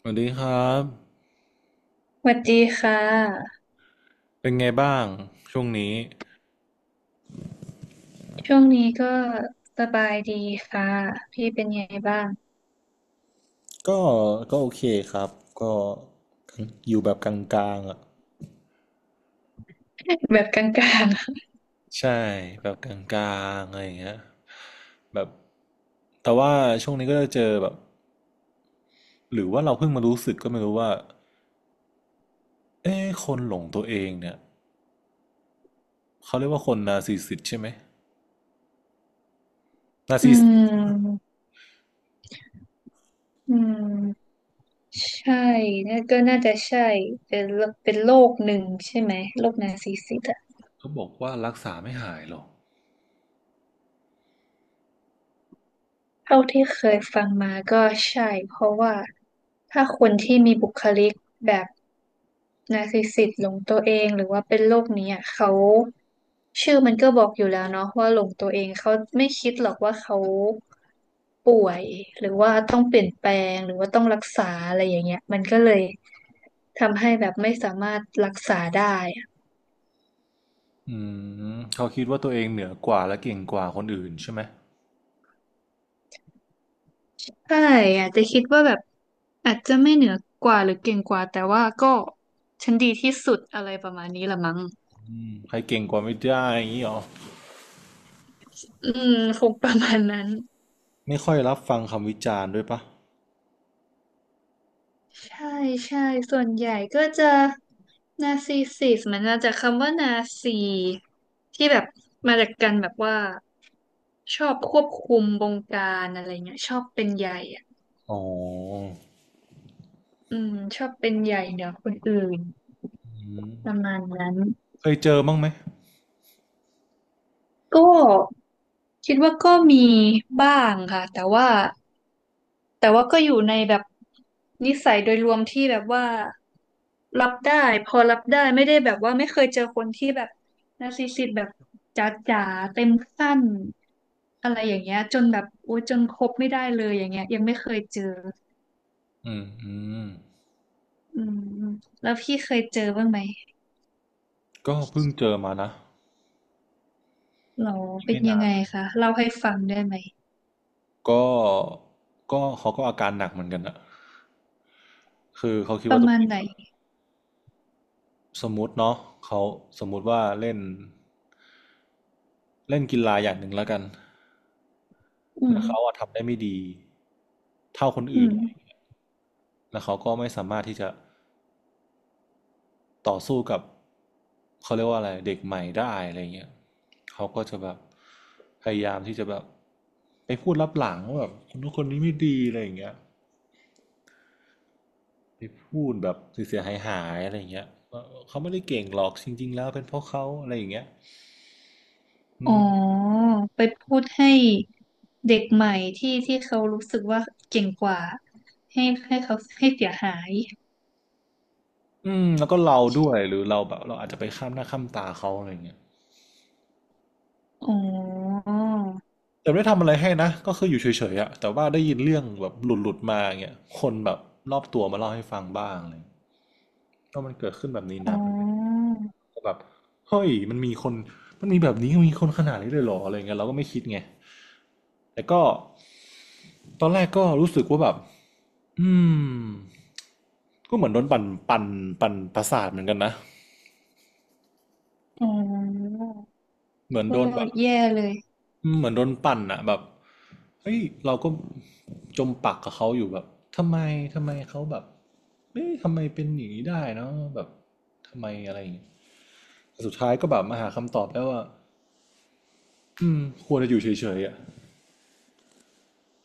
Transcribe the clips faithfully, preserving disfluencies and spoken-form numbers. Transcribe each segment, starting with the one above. สวัสดีครับสวัสดีค่ะเป็นไงบ้างช่วงนี้ช่วงนี้ก็สบายดีค่ะพี่เป็นไงบ้างก็ก็โอเคครับก็อยู่แบบกลางๆอ่ะแบบกลางใช่แบบกลางๆอะไรอย่างเงี้ยแบบแต่ว่าช่วงนี้ก็จะเจอแบบหรือว่าเราเพิ่งมารู้สึกก็ไม่รู้ว่าเอ๊ะคนหลงตัวเองเนี่ยเขาเรียกว่าคนนาร์ซิสซิสตใช่ไหมนาๆ ร์ อืซิสซิสตมอืมใช่น่าก็น่าจะใช่เป็นโรเป็นโรคหนึ่งใช่ไหมโรคนาร์ซิสซิสต์อะเขาบอกว่ารักษาไม่หายหรอกเท่าที่เคยฟังมาก็ใช่เพราะว่าถ้าคนที่มีบุคลิกแบบนาร์ซิสซิสต์หลงตัวเองหรือว่าเป็นโรคนี้อะเขาชื่อมันก็บอกอยู่แล้วเนาะว่าหลงตัวเองเขาไม่คิดหรอกว่าเขา ป่วยหรือว่าต้องเปลี่ยนแปลงหรือว่าต้องรักษาอะไรอย่างเงี้ยมันก็เลยทำให้แบบไม่สามารถรักษาได้อะอืมเขาคิดว่าตัวเองเหนือกว่าและเก่งกว่าคนอื่นใช่ไหมใช่อาจจะคิดว่าแบบอาจจะไม่เหนือกว่าหรือเก่งกว่าแต่ว่าก็ฉันดีที่สุดอะไรประมาณนี้ละมั้งอืมใครเก่งกว่าไม่ได้อย่างนี้หรอ อืมคงประมาณนั้นไม่ค่อยรับฟังคำวิจารณ์ด้วยปะใช่ใช่ส่วนใหญ่ก็จะนาร์ซิสซิสมันมาจากคำว่านาซีที่แบบมาจากกันแบบว่าชอบควบคุมบงการอะไรเงี้ยชอบเป็นใหญ่อะ อ๋ออืมชอบเป็นใหญ่เหนือคนอื่นอืมประมาณนั้นเคยเจอบ้างไหมก็คิดว่าก็มีบ้างค่ะแต่ว่าแต่ว่าก็อยู่ในแบบนิสัยโดยรวมที่แบบว่ารับได้พอรับได้ไม่ได้แบบว่าไม่เคยเจอคนที่แบบนาร์ซิสซิสต์แบบจ๋าๆเต็มขั้นอะไรอย่างเงี้ยจนแบบโอ้จนคบไม่ได้เลยอย่างเงี้ยยังไม่เคยเจออืมอืมอืมแล้วพี่เคยเจอบ้างไหมก็เพิ่งเจอมานะหรอเป็นไม่ยันางนไงนะคะเล่าให้ฟังได้ไหม ก็ก็เขาก็อาการหนักเหมือนกันอะคือเขาคิดปว่าระตัวมาเอณงไหนแบบสมมติเนาะเขาสมมุติว่าเล่นเล่นกีฬาอย่างหนึ่งแล้วกัน อืแล้มวเขาอะทำได้ไม่ดีเท่าคนอือื่น มแล้วเขาก็ไม่สามารถที่จะ ต่อสู้กับเขาเรียกว่าอะไรเด็กใหม่ได้อะไรเงี้ยเขาก็จะแบบพยายามที่จะแบบไปพูดลับหลังว่าแบบคนนู้นคนนี้ไม่ดีอะไรอย่างเงี้ยไปพูดแบบเสียหายหายอะไรอย่างเงี้ย่เขาไม่ได้เก่งหรอกจริงๆแล้วเป็นเพราะเขาอะไรอย่างเงี้ยอือ๋มอไปพูดให้เด็กใหม่ที่ที่เขารู้สึกว่าเก่งกว่าให้ให้เขาให้เสียหายอืมแล้วก็เราด้วยหรือเราแบบเราอาจจะไปข้ามหน้าข้ามตาเขาอะไรอย่างเงี้ยอ๋อแต่ไม่ได้ทำอะไรให้นะก็คืออยู่เฉยๆอะแต่ว่าได้ยินเรื่องแบบหลุดๆมาอย่างเงี้ยคนแบบรอบตัวมาเล่าให้ฟังบ้างเลยก็มันเกิดขึ้นแบบนี้อ๋นะ อแบบเฮ้ยมันมีคนมันมีแบบนี้มีคนขนาดนี้เลยเหรออะไรเงี้ยเราก็ไม่คิดไงแต่ก็ตอนแรกก็รู้สึกว่าแบบอืมก็เหมือนโดนปั่นปั่นปั่นประสาทเหมือนกันนะอ๋อเหมือนก็โดนแบบแย่เลยอืมเหมือนโดนปั่นอะแบบเฮ้ยเราก็จมปักกับเขาอยู่แบบทำไมทำไมเขาแบบเอ๊ะทำไมเป็นอย่างนี้ได้เนาะแบบทำไมอะไรอย่างเงี้ยแต่สุดท้ายก็แบบมาหาคำตอบแล้วว่าอืมควรจะอยู่เฉยๆอะ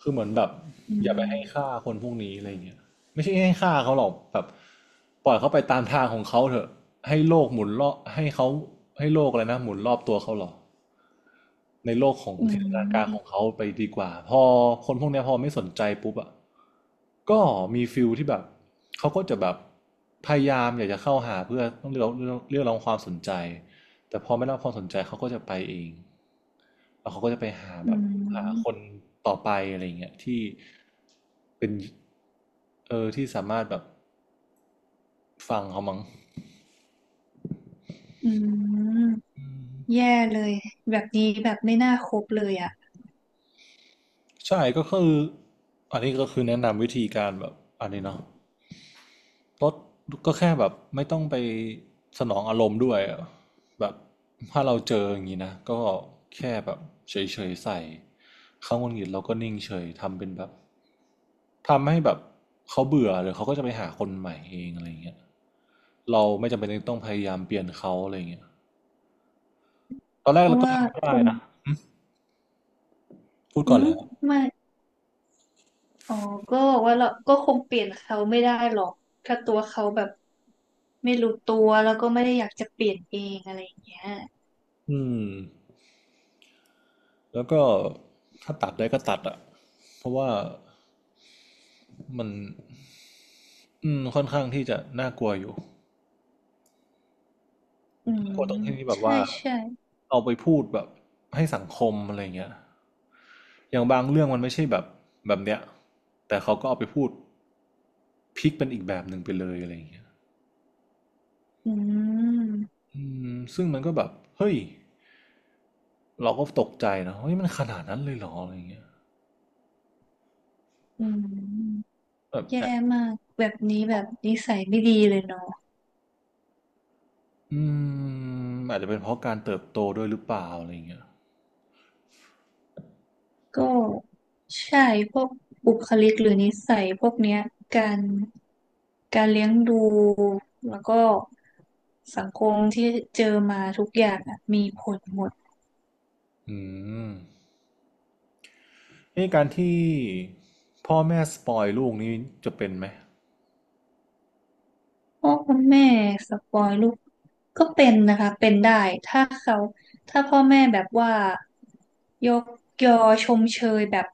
คือเหมือนแบบอือย่าไปให้ค่ามคนพวกนี้อะไรเงี้ยไม่ใช่ให้ค่าเขาหรอกแบบปล่อยเขาไปตามทางของเขาเถอะให้โลกหมุนรอบให้เขาให้โลกอะไรนะหมุนรอบตัวเขาหรอ ในโลกของอืจินตนาการของมเขาไปดีกว่าพอคนพวกเนี้ยพอไม่สนใจปุ๊บอ่ะก็มีฟิลที่แบบเขาก็จะแบบพยายามอยากจะเข้าหาเพื่อต้องเรียกร้องเรียกร้องความสนใจแต่พอไม่ได้รับความสนใจเขาก็จะไปเองแล้วเขาก็จะไปหาแบอืบหาคนมต่อไปอะไรเงี้ยที่เป็นเออที่สามารถแบบฟังเขามั้งอืมแย่เลยแบบนี้แบบไม่น่าคบเลยอ่ะใช่ก็คืออันนี้ก็คือแนะนำวิธีการแบบอันนี้เนาะ ลดก็แค่แบบไม่ต้องไปสนองอารมณ์ด้วยอะแบบถ้าเราเจออย่างนี้นะก็แค่แบบเฉยๆใส่เขาหงุดหงิดเราก็นิ่งเฉยทำเป็นแบบทำให้แบบเขาเบื่อหรือเขาก็จะไปหาคนใหม่เองอะไรอย่างเงี้ยเราไม่จำเป็นต้องพยายามเปลี่ยนเขาอะไรอย่างเงี้ยตอนแรเพกเราราะก็ว่าทำคได้งนะพูดอืก่อนมแล้วไม่ อ๋อก็บอกว่าเราก็คงเปลี่ยนเขาไม่ได้หรอกถ้าตัวเขาแบบไม่รู้ตัวแล้วก็ไม่ได้อยากจะเปลี่ยนเองอะไรอย่างเงี้ยอืมแล้วก็ถ้าตัดได้ก็ตัดอะเพราะว่ามันอืมค่อนข้างที่จะน่ากลัวอยู่ อืกมลัวตรงที่แบบใช่ว่าใช่เอาไปพูดแบบให้สังคมอะไรเงี้ยอย่างบางเรื่องมันไม่ใช่แบบแบบเนี้ยแต่เขาก็เอาไปพูดพลิกเป็นอีกแบบหนึ่งไปเลยอะไรเงี้ยอืมอืมซึ่งมันก็แบบเฮ้ยเราก็ตกใจนะเฮ้ยมันขนาดนั้นเลยเหรออะไรเงี้ยอืมแบบแย่แอบมากแบบนี้แบบนิสัยไม่ดีเลยเนาะอืมอาจจะเป็นเพราะการเติบโตด้วยหรือเปล่าอะไรเงี้ยก็ใช่พวกบุคลิกหรือนิสัยพวกเนี้ยการการเลี้ยงดูแล้วก็สังคมที่เจอมาทุกอย่างอะมีผลหมด อืมไอ้การที่พ่อแม่สปอยลูกนี่จะเป็นไหมพ่อคุณแม่สปอยลูกก็เป็นนะคะเป็นได้ถ้าเขาถ้าพ่อแม่แบบว่ายกยอชมเชยแบบ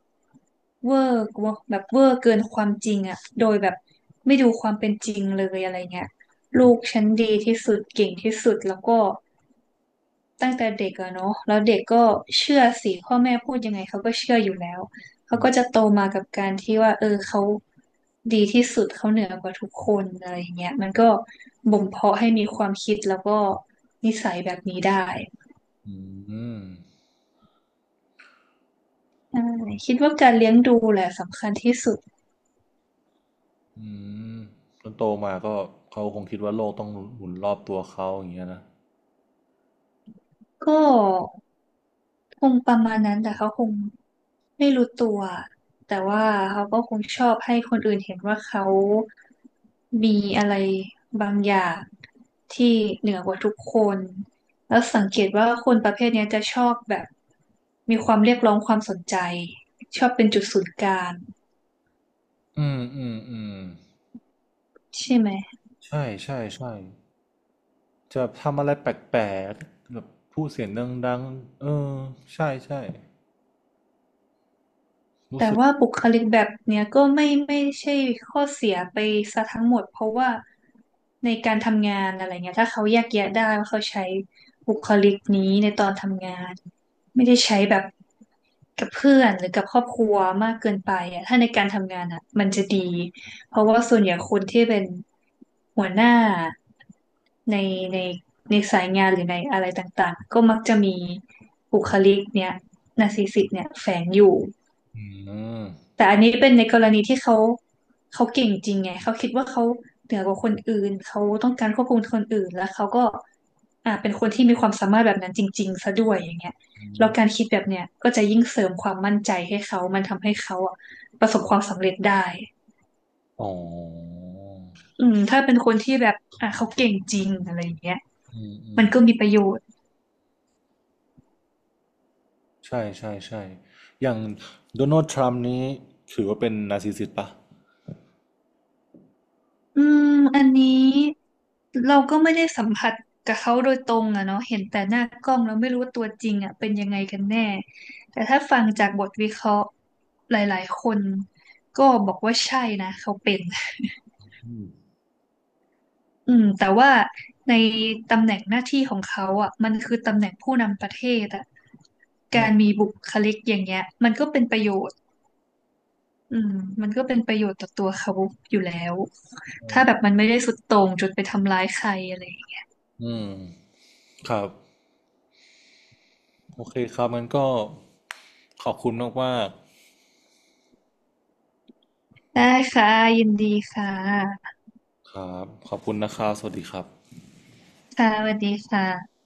เวอร์กว่าแบบเวอร์เกินความจริงอะโดยแบบไม่ดูความเป็นจริงเลยอะไรเงี้ยลูกฉันดีที่สุดเก่งที่สุดแล้วก็ ตั้งแต่เด็กอะเนาะแล้วเด็กก็เชื่อสิพ่อแม่พูดยังไงเขาก็เชื่ออยู่แล้วเขาก็จะโตมากับการที่ว่าเออเขาดีที่สุดเขาเหนือกว่าทุกคนอะไรอย่างเงี้ยมันก็บ่มเพาะให้มีความคิดแล้วก็นิสัยแบบนี้ได้อืม ใช่คิดว่าการเลี้ยงดูแหละสำคัญที่สุดอืมจนโตมาก็เขาคงคิดว่าโลกต้องหมุนรอบตัวเขาอย่างเงี้ยนะก็คงประมาณนั้นแต่เขาคง ไม่รู้ตัวแต่ว่าเขาก็คงชอบให้คนอื่นเห็นว่าเขามีอะไรบางอย่างที่เหนือกว่าทุกคนแล้วสังเกตว่าคนประเภทเนี้ยจะชอบแบบมีความเรียกร้องความสนใจชอบเป็นจุดศูนย์กลางอืมอืม อืม ใช่ไหม ใช่ ใช่ ใช่ จะทำอะไรแปลกๆแบบพูดเสียงดังๆเออ ใช่ ใช่ รู้แต่สึก ว่าบุคลิกแบบเนี้ยก็ไม่ไม่ใช่ข้อเสียไปซะทั้งหมดเพราะว่าในการทำงานอะไรเงี้ยถ้าเขาแยกแยะได้ว่าเขาใช้บุคลิกนี้ในตอนทำงานไม่ได้ใช้แบบกับเพื่อนหรือกับครอบครัวมากเกินไปอ่ะถ้าในการทำงานอ่ะมันจะดีเพราะว่าส่วนใหญ่คนที่เป็นหัวหน้าในในในสายงานหรือในอะไรต่างๆก็มักจะมีบุคลิกเนี้ยนาร์ซิสสิกเนี่ยแฝงอยู่ อืมแต่อันนี้เป็นในกรณีที่เขาเขาเก่งจริงไงเขาคิดว่าเขาเหนือกว่าคนอื่นเขาต้องการควบคุมคนอื่นแล้วเขาก็อ่าเป็นคนที่มีความสามารถแบบนั้นจริงๆซะด้วยอย่างเงี้ยแล้วการคิดแบบเนี้ยก็จะยิ่งเสริมความมั่นใจให้เขามันทำให้เขาอ่ะประสบความสำเร็จได้อ๋ออืมถ้าเป็นคนที่แบบอ่าเขาเก่งจริงอะไรอย่างเงี้ยอืม อืมัม นก็มีประโยชน์ ใช่ ใช่ ใช่ อย่างโดนัลด์ทรัมป์นี้ถือว่าเป็นนาร์ซิสซิสต์ปะอืมอันนี้เราก็ไม่ได้สัมผัสกับเขาโดยตรงอะเนาะเห็นแต่หน้ากล้องเราไม่รู้ว่าตัวจริงอะเป็นยังไงกันแน่แต่ถ้าฟังจากบทวิเคราะห์หลายๆคนก็บอกว่าใช่นะเขาเป็นอืมแต่ว่าในตำแหน่งหน้าที่ของเขาอ่ะมันคือตำแหน่งผู้นำประเทศอ่ะอืการมีม บุคลิกอย่างเงี้ยมันก็เป็นประโยชน์อืมมันก็เป็นประโยชน์ต่อตัวเขาอยู่แล้วถ้าแบบมันไม่ได้สุดโต่งจนไปทำร้ายใครอะไร อืม ครับ โอเคครับงั้นก็ขอบคุณมากๆ ได้ค่ะยินดีค่ะครับขอบคุณนะครับสวัสดีครับค่ะสวัสดีค่ะ